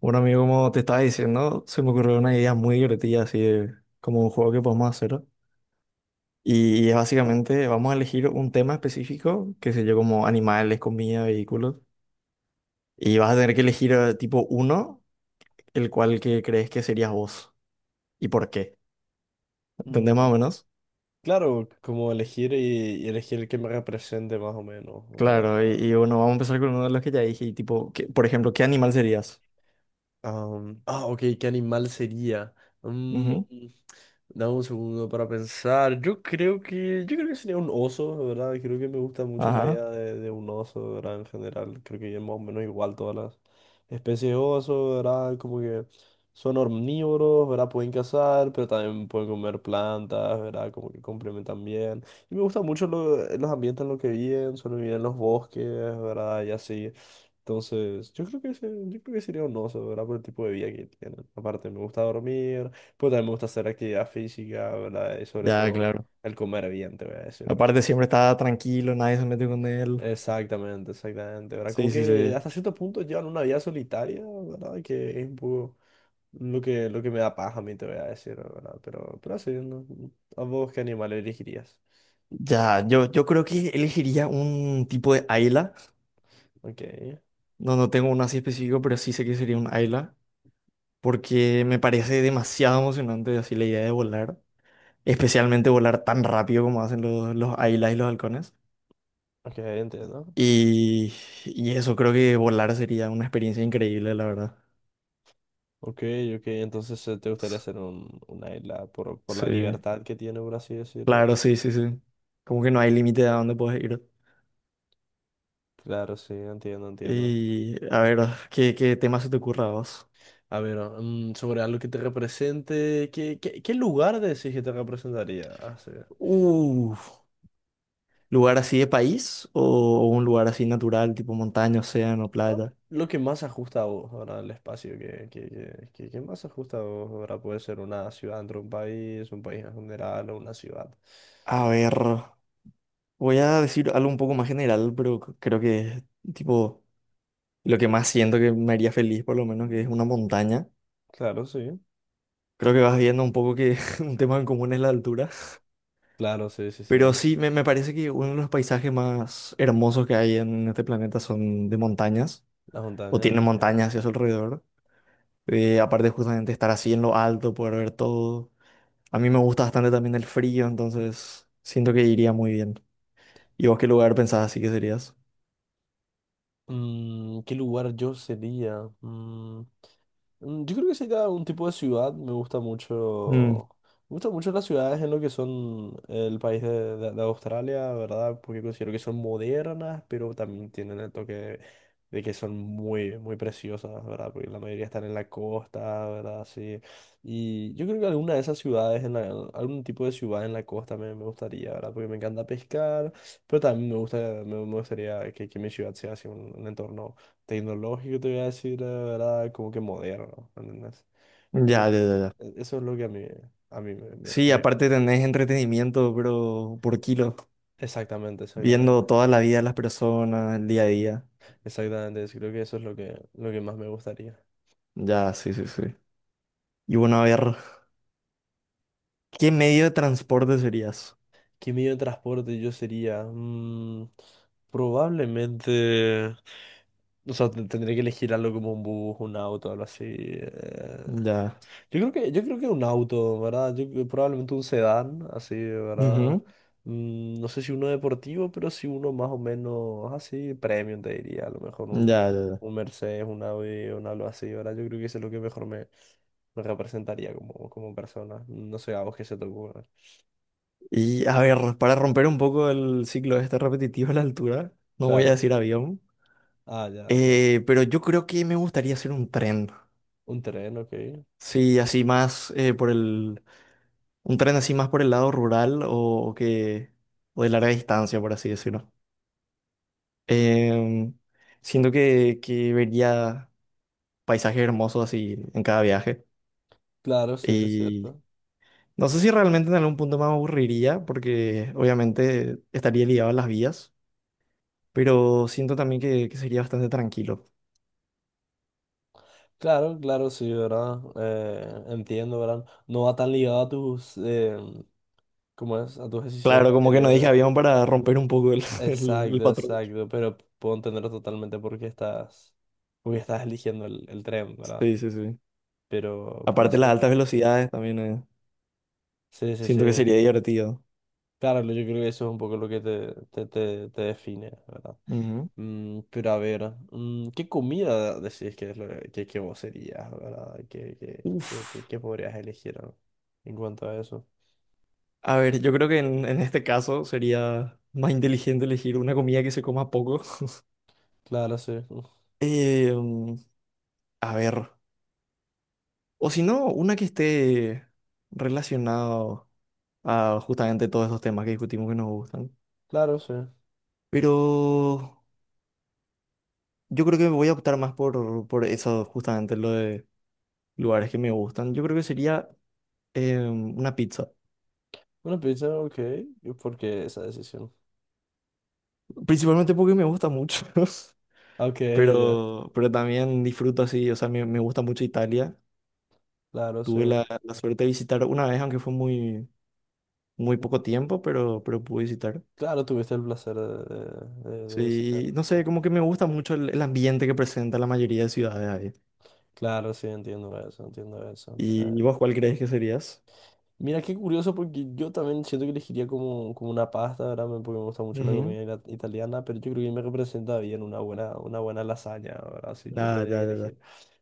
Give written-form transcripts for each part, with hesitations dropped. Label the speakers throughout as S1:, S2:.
S1: Bueno, amigo, como te estaba diciendo, se me ocurrió una idea muy divertida, así de como un juego que podemos hacer. Y es básicamente, vamos a elegir un tema específico, que sé yo, como animales, comida, vehículos. Y vas a tener que elegir tipo uno, el cual que crees que serías vos. ¿Y por qué? ¿Entendés
S2: Mm,
S1: más o menos?
S2: claro, como elegir y elegir el que me represente más o menos, ¿verdad?
S1: Claro, y bueno, vamos a empezar con uno de los que ya dije, y tipo, que, por ejemplo, ¿qué animal serías?
S2: Ok, ¿qué animal sería? Mm,
S1: Ujú.
S2: dame un segundo para pensar. Yo creo que sería un oso, la ¿verdad? Creo que me gusta mucho la
S1: Ajá,
S2: idea de un oso, ¿verdad? En general, creo que es más o menos igual todas las especies de oso, ¿verdad? Como que son omnívoros, ¿verdad? Pueden cazar, pero también pueden comer plantas, ¿verdad? Como que complementan bien. Y me gusta mucho los ambientes en los que viven, solo viven en los bosques, ¿verdad? Y así. Entonces, yo creo que sería un oso, ¿verdad? Por el tipo de vida que tienen. Aparte, me gusta dormir, pues también me gusta hacer actividad física, ¿verdad? Y sobre
S1: ya,
S2: todo
S1: claro.
S2: el comer bien, te voy a decir, ¿no? Te-
S1: Aparte, siempre está tranquilo, nadie se mete con él.
S2: Exactamente, exactamente, ¿verdad? Como
S1: Sí, sí,
S2: que
S1: sí.
S2: hasta cierto punto llevan una vida solitaria, ¿verdad? Que es un poco lo que me da paja a mí, te voy a decir, ¿verdad? Pero así, ¿no? ¿A vos qué animal elegirías?
S1: Ya, yo creo que elegiría un tipo de Ayla.
S2: Ok,
S1: No, no tengo uno así específico, pero sí sé que sería un Ayla. Porque me parece demasiado emocionante así la idea de volar. Especialmente volar tan rápido como hacen los Aylas y los halcones.
S2: ok, entiendo.
S1: Y, y eso, creo que volar sería una experiencia increíble, la verdad.
S2: Ok, ok, entonces te gustaría hacer una isla por la
S1: Sí,
S2: libertad que tiene, por así decirlo.
S1: claro, sí, sí, sí. Como que no hay límite de a dónde puedes ir.
S2: Claro, sí, entiendo, entiendo.
S1: Y a ver, ¿qué tema se te ocurra a vos?
S2: A ver, sobre algo que te represente, ¿qué lugar decís que te representaría? Ah, sí.
S1: Uf. ¿Lugar así de país o un lugar así natural, tipo montaña, océano,
S2: Ah,
S1: playa?
S2: Lo que más ajusta a vos, ¿verdad? El espacio que más ajusta a vos, ¿verdad? Puede ser una ciudad dentro de un país en general o una ciudad.
S1: A ver, voy a decir algo un poco más general, pero creo que tipo lo que más siento que me haría feliz, por lo menos, que es una montaña.
S2: Claro, sí.
S1: Creo que vas viendo un poco que un tema en común es la altura.
S2: Claro, sí, sí, sí.
S1: Pero sí, me parece que uno de los paisajes más hermosos que hay en este planeta son de montañas,
S2: Las
S1: o
S2: montañas,
S1: tienen
S2: ok.
S1: montañas hacia su alrededor. Aparte justamente estar así en lo alto, poder ver todo. A mí me gusta bastante también el frío, entonces siento que iría muy bien. ¿Y vos qué lugar pensás así que serías?
S2: ¿Qué lugar yo sería? Yo creo que sería un tipo de ciudad. Me gusta
S1: Mm,
S2: mucho. Me gustan mucho las ciudades en lo que son el país de Australia, ¿verdad? Porque considero que son modernas, pero también tienen el toque de que son muy, muy preciosas, ¿verdad? Porque la mayoría están en la costa, ¿verdad? Sí. Y yo creo que alguna de esas ciudades, algún tipo de ciudad en la costa me gustaría, ¿verdad? Porque me encanta pescar, pero también me gusta, me gustaría que mi ciudad sea así un entorno tecnológico, te voy a decir era como que moderno, ¿entendés? Como
S1: ya, ya,
S2: que
S1: ya, ya.
S2: eso es lo que a mí me, me-
S1: Sí,
S2: me-
S1: aparte tenés entretenimiento, pero por kilo,
S2: Exactamente, exactamente.
S1: viendo toda la vida de las personas, el día a día.
S2: Exactamente, creo que eso es lo que más me gustaría.
S1: Ya, sí, sí, sí. Y bueno, a ver, ¿qué medio de transporte serías?
S2: ¿Qué medio de transporte yo sería? Probablemente... O sea, tendría que elegir algo como un bus, un auto, algo así.
S1: Ya.
S2: Yo creo que un auto, ¿verdad? Probablemente un sedán, así, ¿verdad?
S1: Ujú.
S2: No sé si uno deportivo, pero sí uno más o menos así, premium, te diría. A lo mejor
S1: Ya, ya, ya.
S2: un Mercedes, un Audi, un algo así, ¿verdad? Yo creo que eso es lo que mejor me representaría como, como persona. No sé a vos qué se te ocurre.
S1: Y a ver, para romper un poco el ciclo este repetitivo a la altura, no voy a
S2: Claro.
S1: decir avión,
S2: Ya, ya.
S1: pero yo creo que me gustaría hacer un tren.
S2: Un tren, ok.
S1: Sí, así más por el... Un tren así más por el lado rural o que... O de larga distancia, por así decirlo. Em, Siento que vería paisajes hermosos así en cada viaje.
S2: Claro, sí, es
S1: Y
S2: cierto.
S1: no sé si realmente en algún punto me aburriría, porque obviamente estaría ligado a las vías, pero siento también que sería bastante tranquilo.
S2: Claro, claro, sí, ¿verdad? Entiendo, ¿verdad? No va tan ligado a tus, ¿cómo es? A tus decisiones
S1: Claro, como que no dije
S2: anteriores.
S1: avión para romper un poco el, el
S2: Exacto,
S1: patrón.
S2: exacto, pero puedo entenderlo totalmente porque estás eligiendo el tren, ¿verdad?
S1: Sí, sí, sí.
S2: Pero
S1: Aparte las
S2: sí,
S1: altas velocidades también
S2: sí, sí,
S1: siento que
S2: sí.
S1: sería divertido.
S2: Claro, yo creo que eso es un poco lo que te define, ¿verdad?
S1: Ujú.
S2: Pero a ver, ¿qué comida decís que, es lo que vos serías, ¿verdad?
S1: Uf.
S2: ¿Qué podrías elegir ¿no? en cuanto a eso?
S1: A ver, yo creo que en este caso sería más inteligente elegir una comida que se coma poco.
S2: Claro, sí,
S1: Eh, mm, a ver, o si no, una que esté relacionada a justamente todos esos temas que discutimos que nos gustan.
S2: claro, sí.
S1: Pero yo creo que me voy a optar más por eso, justamente lo de lugares que me gustan. Yo creo que sería una pizza.
S2: Una pizza, ok, ¿y ¿por qué esa decisión?
S1: Principalmente porque me gusta mucho,
S2: Ok, ya,
S1: pero también disfruto así, o sea, me gusta mucho Italia.
S2: claro, sí.
S1: Tuve la suerte de visitar una vez, aunque fue muy, muy poco tiempo, pero pude visitar.
S2: Claro, tuviste el placer de, de visitar.
S1: Sí, no
S2: ¿No?
S1: sé, como que me gusta mucho el ambiente que presenta la mayoría de ciudades ahí.
S2: Claro, sí, entiendo eso, entiendo eso.
S1: ¿Y vos cuál crees que serías?
S2: Mira, qué curioso porque yo también siento que elegiría como, como una pasta, ¿verdad? Me- Porque me gusta mucho la
S1: Ujú.
S2: comida italiana, pero yo creo que me representa bien una buena lasaña, ¿verdad? Sí, yo
S1: Ya,
S2: tendría
S1: ya,
S2: que
S1: ya, ya.
S2: elegir.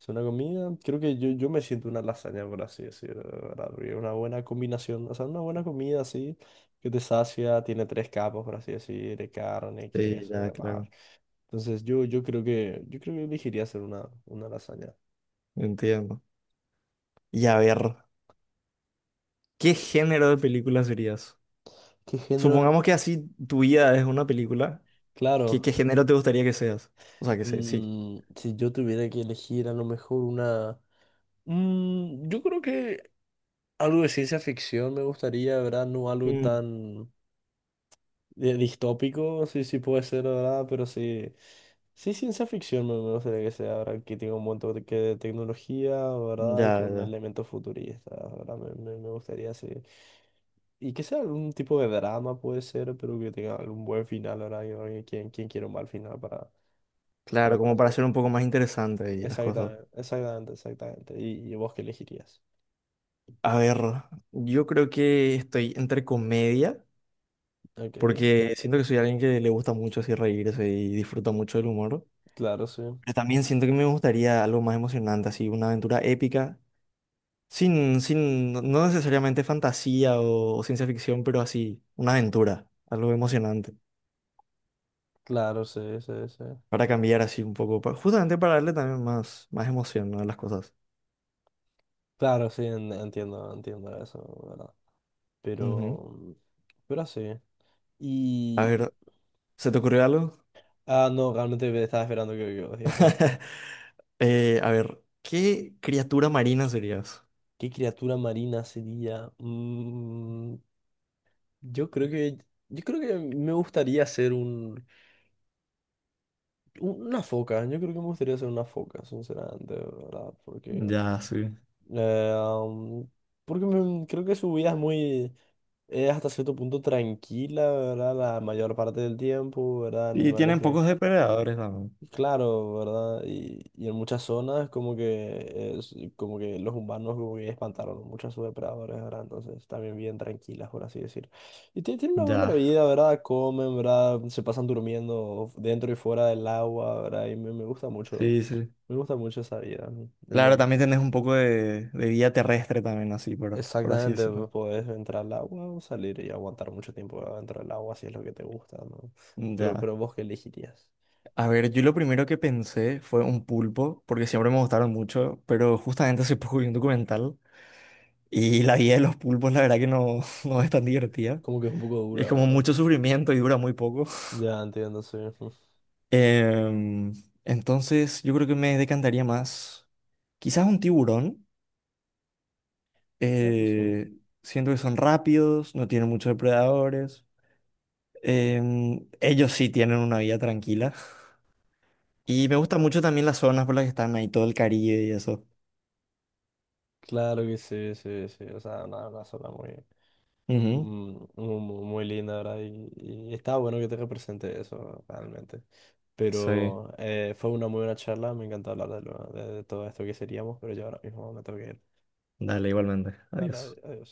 S2: Es una comida, creo que yo me siento una lasaña, por así decirlo, ¿verdad? Porque es una buena combinación, o sea, una buena comida así, que te sacia, tiene tres capas, por así decir, de carne,
S1: Sí,
S2: queso y
S1: ya,
S2: demás.
S1: claro.
S2: Entonces yo creo que elegiría hacer una lasaña.
S1: Entiendo. Y a ver, ¿qué género de película serías?
S2: ¿Qué género? De-
S1: Supongamos que así tu vida es una película. ¿Qué,
S2: Claro,
S1: qué género te gustaría que seas? O sea, que sé, sí.
S2: si yo tuviera que elegir a lo mejor una... yo creo que algo de ciencia ficción me gustaría, ¿verdad? No algo
S1: Mm.
S2: tan distópico, sí, sí puede ser, ¿verdad? Pero sí, sí ciencia ficción me gustaría que sea, ¿verdad? Que tenga un montón de, que de tecnología, ¿verdad? Y
S1: Ya,
S2: con
S1: ya.
S2: elementos futuristas, ¿verdad? Me gustaría, sí. Y que sea algún tipo de drama puede ser, pero que tenga algún buen final ahora. Yo creo que ¿quién quiere un mal final para,
S1: Claro,
S2: para
S1: como
S2: su
S1: para
S2: vida?
S1: hacer un poco más interesante y las cosas.
S2: Exactamente, exactamente, exactamente. Y vos qué elegirías?
S1: A ver, yo creo que estoy entre comedia,
S2: Ok,
S1: porque siento que soy alguien que le gusta mucho así reírse y disfruta mucho del humor.
S2: claro, sí.
S1: Pero también siento que me gustaría algo más emocionante, así una aventura épica, sin, sin, no no necesariamente fantasía o, ciencia ficción, pero así, una aventura, algo emocionante,
S2: Claro, sí, sí, sí.
S1: para cambiar así un poco, justamente para darle también más, más emoción, ¿no? a las cosas.
S2: Claro, sí, entiendo, entiendo eso, ¿verdad?
S1: Ujú.
S2: Pero, pero así.
S1: A
S2: Y-
S1: ver, ¿se te ocurrió algo?
S2: ah, no, realmente me estaba esperando que vos digas, ¿no?
S1: A ver, ¿qué criatura marina serías?
S2: ¿Qué criatura marina sería? Yo creo que, yo creo que me gustaría ser un Una foca, yo creo que me gustaría ser una foca, sinceramente, ¿verdad? Porque,
S1: Ya, sí.
S2: eh, am, porque me- creo que su vida es muy, es hasta cierto punto tranquila, ¿verdad? La mayor parte del tiempo, ¿verdad?
S1: Y
S2: Animales
S1: tienen
S2: que
S1: pocos depredadores también.
S2: Claro, ¿verdad? Y en muchas zonas como que como que los humanos como que espantaron muchas a sus depredadores, ¿verdad? Entonces también bien tranquilas, por así decir. Y tienen una buena
S1: Ya,
S2: vida, ¿verdad? Comen, ¿verdad? Se pasan durmiendo dentro y fuera del agua, ¿verdad? Y
S1: sí, sí.
S2: me gusta mucho esa vida. ¿No? En
S1: Claro,
S2: donde
S1: también tenés un poco de vida terrestre también, así, por así
S2: exactamente
S1: decirlo.
S2: vos podés entrar al agua o salir y aguantar mucho tiempo, dentro del agua si es lo que te gusta, ¿no?
S1: Ya.
S2: Pero vos qué elegirías.
S1: A ver, yo lo primero que pensé fue un pulpo, porque siempre me gustaron mucho, pero justamente hace poco vi un documental y la vida de los pulpos, la verdad que no, no es tan divertida.
S2: Como que es un poco dura,
S1: Es como
S2: ¿verdad?
S1: mucho sufrimiento y dura muy poco.
S2: Ya entiendo, sí.
S1: Em, entonces, yo creo que me decantaría más, quizás un tiburón.
S2: Claro, sí.
S1: Eh, Siento que son rápidos, no tienen muchos depredadores. Ellos sí tienen una vida tranquila. Y me gustan mucho también las zonas por las que están ahí, todo el Caribe y eso.
S2: Claro que sí, sí, sí. O sea, una zona muy,
S1: Ujú.
S2: muy, muy muy linda, ¿verdad? Y está bueno que te represente eso, realmente.
S1: Sí,
S2: Pero fue una muy buena charla, me encantó hablar de, de todo esto que seríamos, pero yo ahora mismo me tengo que ir.
S1: dale, igualmente.
S2: Dale,
S1: Adiós.
S2: adiós.